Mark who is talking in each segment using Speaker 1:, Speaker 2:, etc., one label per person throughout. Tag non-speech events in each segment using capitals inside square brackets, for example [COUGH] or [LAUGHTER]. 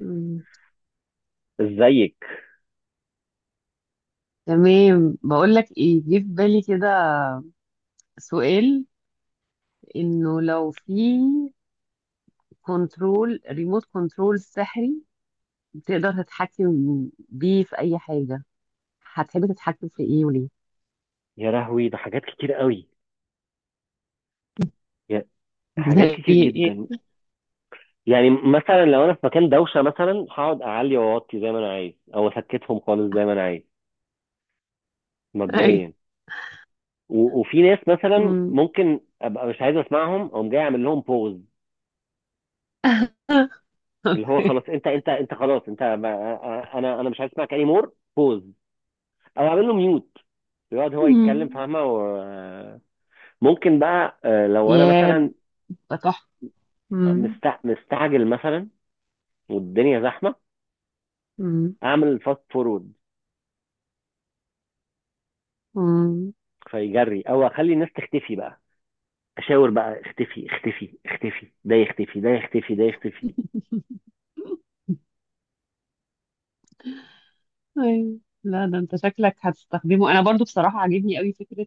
Speaker 1: مم.
Speaker 2: ازيك؟
Speaker 1: تمام، بقول لك ايه جه في بالي كده. سؤال: انه لو في كنترول ريموت كنترول سحري تقدر تتحكم بيه في اي حاجة، هتحب تتحكم في ايه وليه؟
Speaker 2: يا لهوي، ده حاجات كتير قوي. يا
Speaker 1: [LAUGHS]
Speaker 2: حاجات
Speaker 1: زي
Speaker 2: كتير
Speaker 1: ايه؟
Speaker 2: جدا. يعني مثلا لو انا في مكان دوشه مثلا، هقعد اعلي واوطي زي ما انا عايز، او اسكتهم خالص زي ما انا عايز،
Speaker 1: اي.
Speaker 2: مبدئيا. وفي ناس مثلا
Speaker 1: مم.
Speaker 2: ممكن ابقى مش عايز اسمعهم، اقوم جاي اعمل لهم بوز،
Speaker 1: [LAUGHS]
Speaker 2: اللي هو
Speaker 1: اوكي.
Speaker 2: خلاص انت خلاص انت انا مش عايز اسمعك، اني مور بوز، او اعمل له ميوت، يقعد هو يتكلم
Speaker 1: مم.
Speaker 2: فاهمه. ممكن بقى، لو انا
Speaker 1: يا
Speaker 2: مثلا
Speaker 1: ده تحفة. مم.
Speaker 2: مستعجل مثلا، والدنيا زحمه،
Speaker 1: مم.
Speaker 2: اعمل فاست فورورد
Speaker 1: مم.
Speaker 2: فيجري، او اخلي الناس تختفي بقى، اشاور بقى: اختفي اختفي اختفي، ده يختفي ده يختفي ده يختفي.
Speaker 1: [LAUGHS] أيوة. لا ده انت شكلك هتستخدمه. انا برضو بصراحة عاجبني قوي فكرة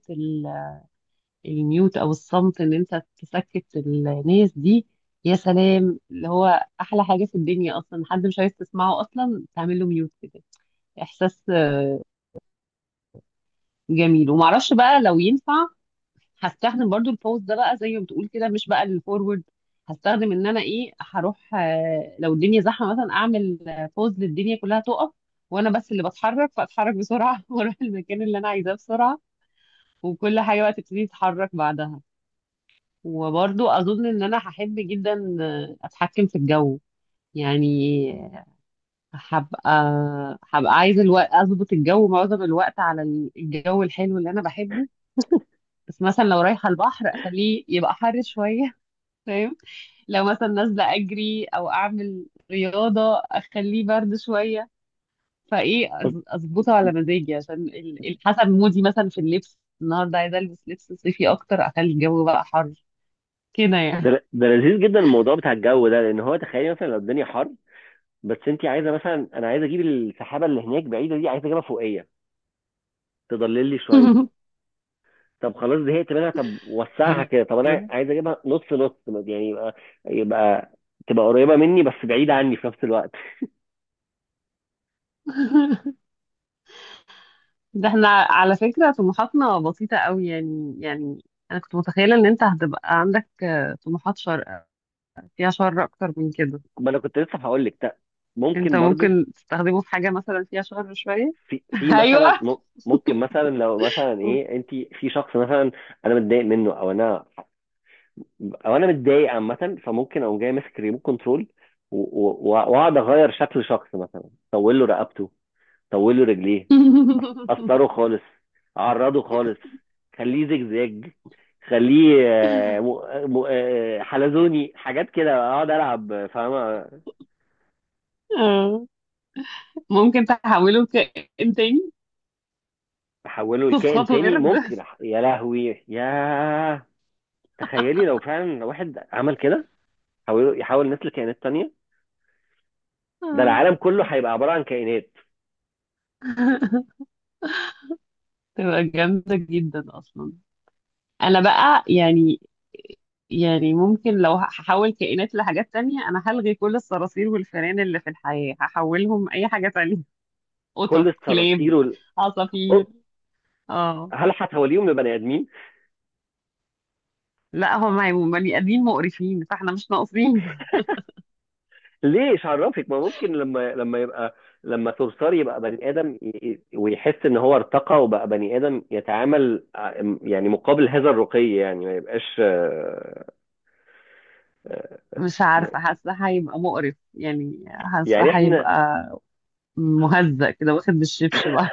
Speaker 1: الميوت او الصمت، ان انت تسكت الناس دي. يا سلام، اللي هو احلى حاجه في الدنيا اصلا حد مش عايز تسمعه اصلا تعمل له ميوت كده. احساس جميل. ومعرفش بقى لو ينفع هستخدم برضو البوست ده بقى زي ما بتقول كده، مش بقى الفورورد. هستخدم ان انا ايه، هروح لو الدنيا زحمه مثلا اعمل بوست للدنيا كلها تقف، وانا بس اللي بتحرك فاتحرك بسرعه [LAUGHS] واروح المكان اللي انا عايزاه بسرعه، وكل حاجه بقى تبتدي تتحرك بعدها. وبرضو اظن ان انا هحب جدا اتحكم في الجو. يعني هبقى هبقى عايزه الوقت اظبط الجو معظم الوقت على الجو الحلو اللي انا بحبه. بس مثلا لو رايحه البحر اخليه يبقى حر شويه [LAUGHS] فاهم؟ لو مثلا نازله اجري او اعمل رياضه اخليه برد شويه. فايه، اظبطه على مزاجي، عشان حسب مودي، مثلا في اللبس النهارده عايزه البس لبس صيفي اكتر اخلي الجو بقى حر كده يعني.
Speaker 2: ده لذيذ جدا، الموضوع بتاع الجو ده، لان هو تخيلي مثلا لو الدنيا حر، بس انت عايزه، مثلا انا عايز اجيب السحابه اللي هناك بعيده دي، عايز اجيبها فوقيه تضلل لي شويه. طب خلاص زهقت منها، طب وسعها
Speaker 1: [LAUGHS]
Speaker 2: كده، طب انا
Speaker 1: ايوه،
Speaker 2: عايز اجيبها نص نص يعني، يبقى تبقى قريبه مني بس بعيده عني في نفس الوقت.
Speaker 1: ده احنا على فكرة طموحاتنا بسيطة قوي يعني. انا كنت متخيلة ان انت هتبقى عندك طموحات شر، فيها شر اكتر من كده.
Speaker 2: ما انا كنت لسه هقول لك،
Speaker 1: انت
Speaker 2: ممكن برضو.
Speaker 1: ممكن تستخدمه في حاجة مثلا فيها شر شوية.
Speaker 2: في
Speaker 1: [LAUGHS]
Speaker 2: مثلا
Speaker 1: ايوه.
Speaker 2: ممكن مثلا لو مثلا ايه، انت في شخص مثلا انا متضايق منه، او انا متضايق عامه، فممكن اقوم جاي ماسك ريموت كنترول واقعد اغير شكل شخص، مثلا طول له رقبته، طول له رجليه،
Speaker 1: [LAUGHS]
Speaker 2: اثره خالص، اعرضه خالص، خليه زجزاج، خليه حلزوني، حاجات كده اقعد العب فاهمه.
Speaker 1: آه. ممكن تحوله كائن تاني.
Speaker 2: احوله لكائن
Speaker 1: تسخطه
Speaker 2: تاني
Speaker 1: قرد.
Speaker 2: ممكن،
Speaker 1: [LAUGHS]
Speaker 2: يا لهوي ياه. تخيلي لو فعلا واحد عمل كده، يحاول الناس لكائنات تانية، ده
Speaker 1: آه.
Speaker 2: العالم كله هيبقى عبارة عن كائنات.
Speaker 1: [LAUGHS] تبقى جامدة جدا اصلا. انا بقى، يعني ممكن لو هحول كائنات لحاجات تانية أنا هلغي كل الصراصير والفئران اللي في الحياة، هحولهم أي حاجة تانية. [LAUGHS]
Speaker 2: كل
Speaker 1: قطط، كلاب،
Speaker 2: الصراصير أو-
Speaker 1: عصافير. اه.
Speaker 2: هل هتوليهم لبني آدمين؟
Speaker 1: لا، هم هيبقوا بني آدمين مقرفين، فاحنا مش ناقصين. [LAUGHS]
Speaker 2: ليه إيش عرفك؟ ما ممكن، لما صرصار يبقى بني آدم ويحس إن هو ارتقى وبقى بني آدم، يتعامل يعني، مقابل هذا الرقي، يعني ما يبقاش آه،
Speaker 1: مش عارفة، حاسة هيبقى مقرف يعني. حاسة
Speaker 2: يعني إحنا
Speaker 1: هيبقى مهزأ كده واخد بالشبش بقى.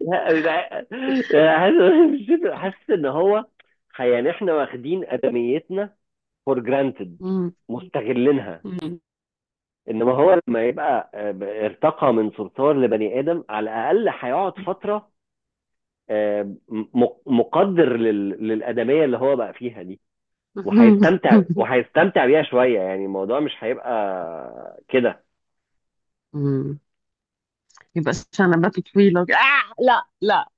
Speaker 2: [LAUGHS] حاسس إن هو، يعني إحنا واخدين آدميتنا فور جرانتد،
Speaker 1: مم.
Speaker 2: مستغلينها. انما هو لما يبقى، ارتقى من صرصار لبني ادم، على الاقل هيقعد فتره، آه، مقدر للادميه اللي هو بقى فيها دي،
Speaker 1: [LAUGHS]
Speaker 2: وهيستمتع بيها شويه. يعني الموضوع مش هيبقى كده.
Speaker 1: مم. يبقى شنباته طويلة كده. آه لا لا.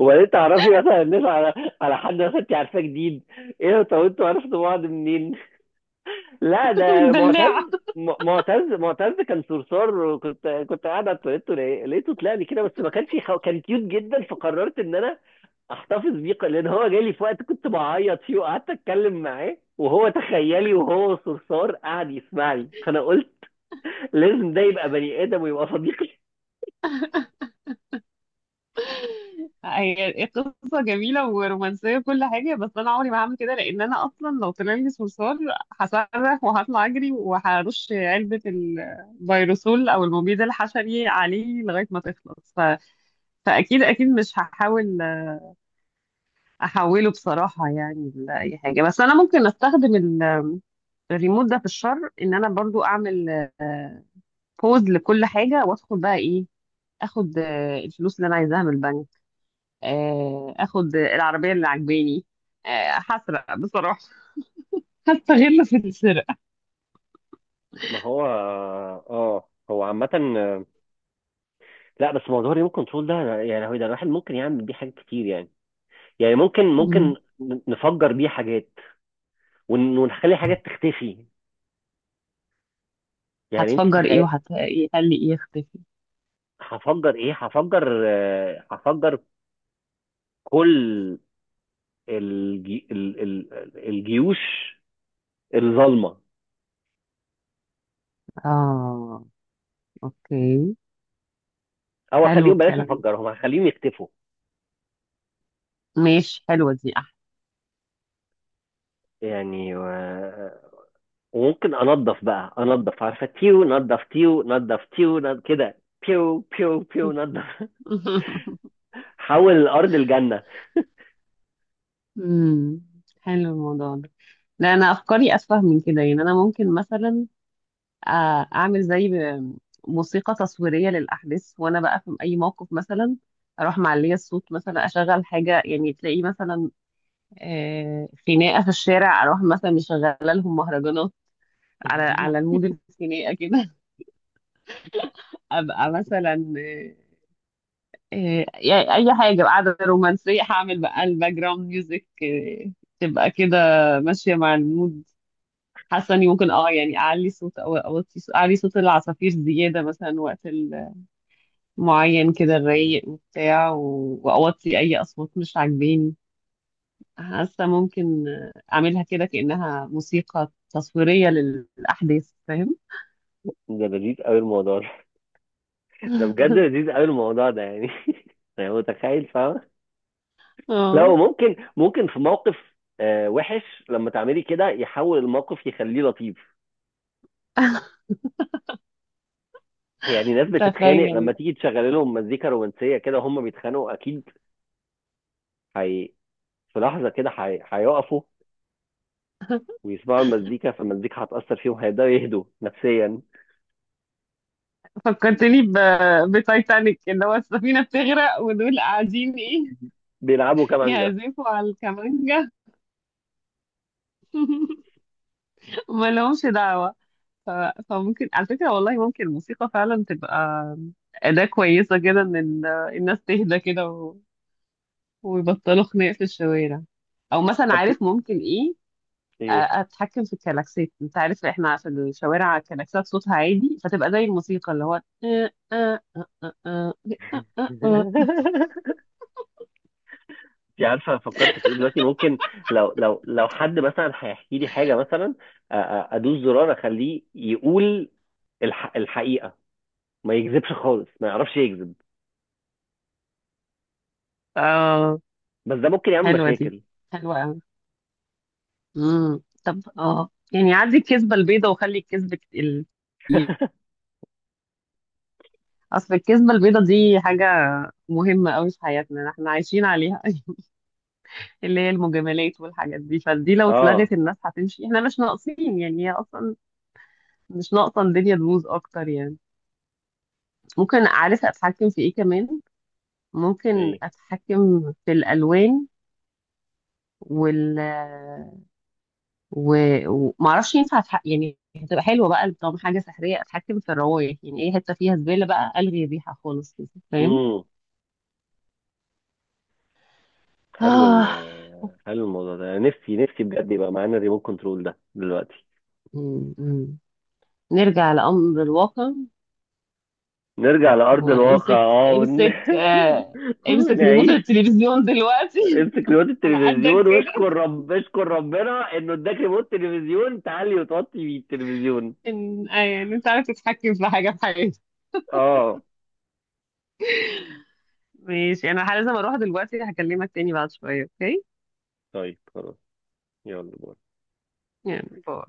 Speaker 2: وبعدين تعرفي مثلا الناس، على حد مثلا انت عارفاه جديد، ايه ده؟ طب انتوا عرفتوا بعض منين؟ لا
Speaker 1: [LAUGHS]
Speaker 2: ده
Speaker 1: متبلعة.
Speaker 2: معتز، معتز كان صرصار، كنت قاعد على التواليت، لقيته طلع لي كده، بس ما كانش كان كيوت جدا، فقررت ان انا احتفظ بيه لان هو جالي في وقت كنت بعيط فيه، وقعدت اتكلم معاه، وهو تخيلي وهو صرصار قعد يسمع لي، فانا قلت لازم ده يبقى بني ادم ويبقى صديقي.
Speaker 1: هي قصة جميلة ورومانسية وكل حاجة، بس أنا عمري ما هعمل كده لأن أنا أصلا لو طلع لي صرصار هصرخ وهطلع أجري وهرش علبة الفيروسول أو المبيد الحشري عليه لغاية ما تخلص فأكيد أكيد مش هحاول أحوله بصراحة يعني لأي حاجة. بس أنا ممكن أستخدم الريموت ده في الشر، إن أنا برضو أعمل بوز لكل حاجة وأدخل بقى إيه، أخد الفلوس اللي أنا عايزاها من البنك، اخد العربيه اللي عجباني، هسرق بصراحه. [LAUGHS] هستغل في السرقه.
Speaker 2: ما هو اه، هو عامة، آه، لا، بس موضوع الريموت كنترول ده، يعني هو ده، الواحد ممكن يعمل بيه حاجات كتير يعني ممكن
Speaker 1: مم.
Speaker 2: نفجر بيه حاجات، ونخلي حاجات تختفي. يعني انت
Speaker 1: هتفجر ايه
Speaker 2: تخيل،
Speaker 1: وهتخلي ايه يختفي؟
Speaker 2: هفجر ايه؟ هفجر كل الجي... ال... ال... الجيوش الظالمه.
Speaker 1: اه. اوكي.
Speaker 2: او
Speaker 1: حلو
Speaker 2: اخليهم، بلاش
Speaker 1: الكلام ده.
Speaker 2: افجرهم، هخليهم يختفوا
Speaker 1: ماشي، حلوه دي احسن.
Speaker 2: يعني. وممكن انضف بقى، انضف عارفه، تيو نضف تيو نضف تيو نضف كده، بيو بيو بيو نضف [LAUGHS]
Speaker 1: [LAUGHS]
Speaker 2: حول الارض الجنه.
Speaker 1: مم. حلو الموضوع ده. لا انا افكاري اسفه من كده يعني. انا ممكن مثلا اعمل زي موسيقى تصويريه للاحداث وانا بقى في اي موقف، مثلا اروح معليه الصوت، مثلا اشغل حاجه يعني. تلاقي مثلا خناقه في الشارع اروح مثلا مشغله لهم مهرجانات على المود
Speaker 2: [LAUGHS]
Speaker 1: الخناقه كده. [LAUGHS] ابقى مثلا يعني اي حاجه قاعده رومانسيه هعمل بقى الباك جراوند ميوزك، تبقى كده ماشيه مع المود. حاسه اني ممكن يعني اعلي صوت او اوطي صوت، اعلي صوت العصافير زياده مثلا وقت معين كده الرايق وبتاع، واوطي اي اصوات مش عاجباني. حاسة ممكن أعملها كده كأنها موسيقى تصويرية للأحداث. فاهم؟
Speaker 2: ده لذيذ قوي الموضوع ده. ده بجد
Speaker 1: [LAUGHS]
Speaker 2: لذيذ قوي الموضوع ده يعني. [LAUGHS] يعني متخيل فاهم،
Speaker 1: اه.
Speaker 2: لو ممكن في موقف وحش، لما تعملي كده يحول الموقف يخليه لطيف. يعني ناس بتتخانق لما
Speaker 1: تخيل.
Speaker 2: تيجي تشغل لهم مزيكا رومانسية كده، هم بيتخانقوا أكيد. هي في لحظة كده هيقفوا ويسمعوا المزيكا، فالمزيكا هتأثر فيهم، هيبدأوا يهدوا نفسيا.
Speaker 1: فكرتني بتايتانيك، اللي هو السفينة بتغرق ودول قاعدين ايه،
Speaker 2: بيلعبوا كمانجا.
Speaker 1: يعزفوا على الكمانجة. [LAUGHS] وما لهمش دعوة. ف... فممكن على فكرة والله ممكن الموسيقى فعلا تبقى أداة كويسة كده إن الناس تهدى كده ويبطلوا خناق في الشوارع. أو مثلا
Speaker 2: طب ت...
Speaker 1: عارف ممكن ايه،
Speaker 2: إيه؟
Speaker 1: اتحكم في الكلاكسات. انت عارف احنا في الشوارع الكلاكسات صوتها عادي، فتبقى زي الموسيقى اللي هو. [LAUGHS]
Speaker 2: [LAUGHS] انت عارفه فكرت في ايه دلوقتي؟ ممكن لو حد مثلا هيحكي لي حاجه، مثلا ادوس زرار اخليه يقول الحقيقه، ما يكذبش خالص، ما يعرفش يكذب.
Speaker 1: اه.
Speaker 2: بس ده ممكن يعمل
Speaker 1: حلوه دي،
Speaker 2: مشاكل.
Speaker 1: حلوه قوي. طب اه يعني عدي الكذبه البيضه وخلي الكذب
Speaker 2: [LAUGHS]
Speaker 1: اصل الكذبه البيضه دي حاجه مهمه قوي في حياتنا، احنا عايشين عليها. [LAUGHS] اللي هي المجاملات والحاجات دي، فدي لو
Speaker 2: اه،
Speaker 1: اتلغت الناس هتمشي، احنا مش ناقصين يعني. هي اصلا مش ناقصه الدنيا تبوظ اكتر يعني. ممكن عارفه اتحكم في ايه كمان؟ ممكن
Speaker 2: ايه،
Speaker 1: اتحكم في الالوان وال و... ومعرفش ينفع يعني هتبقى حلوه بقى طالما حاجه سحريه، اتحكم في الروايح. يعني ايه حته فيها زباله بقى الغي الريحه خالص كده. فاهم؟
Speaker 2: امم حلو ال
Speaker 1: آه.
Speaker 2: حلو الموضوع ده. نفسي نفسي بجد يبقى معانا الريموت كنترول ده دلوقتي.
Speaker 1: م- م. نرجع لامر الواقع.
Speaker 2: نرجع [LAUGHS] لأرض الواقع،
Speaker 1: وامسك
Speaker 2: اه،
Speaker 1: امسك آه...
Speaker 2: [LAUGHS]
Speaker 1: امسك ريموت
Speaker 2: ونعيش.
Speaker 1: التلفزيون دلوقتي.
Speaker 2: امسك ريموت
Speaker 1: [LAUGHS] على قدك
Speaker 2: التلفزيون،
Speaker 1: كده.
Speaker 2: واشكر رب اشكر ربنا انه اداك ريموت تلفزيون تعلي وتوطي بيه التلفزيون.
Speaker 1: ان يعني انت عارف تتحكم في حاجه في حياتك.
Speaker 2: اه،
Speaker 1: ماشي، انا لازم اروح دلوقتي، هكلمك تاني بعد شويه. اوكي؟
Speaker 2: طيب خلاص، يلا باي.
Speaker 1: يعني باي.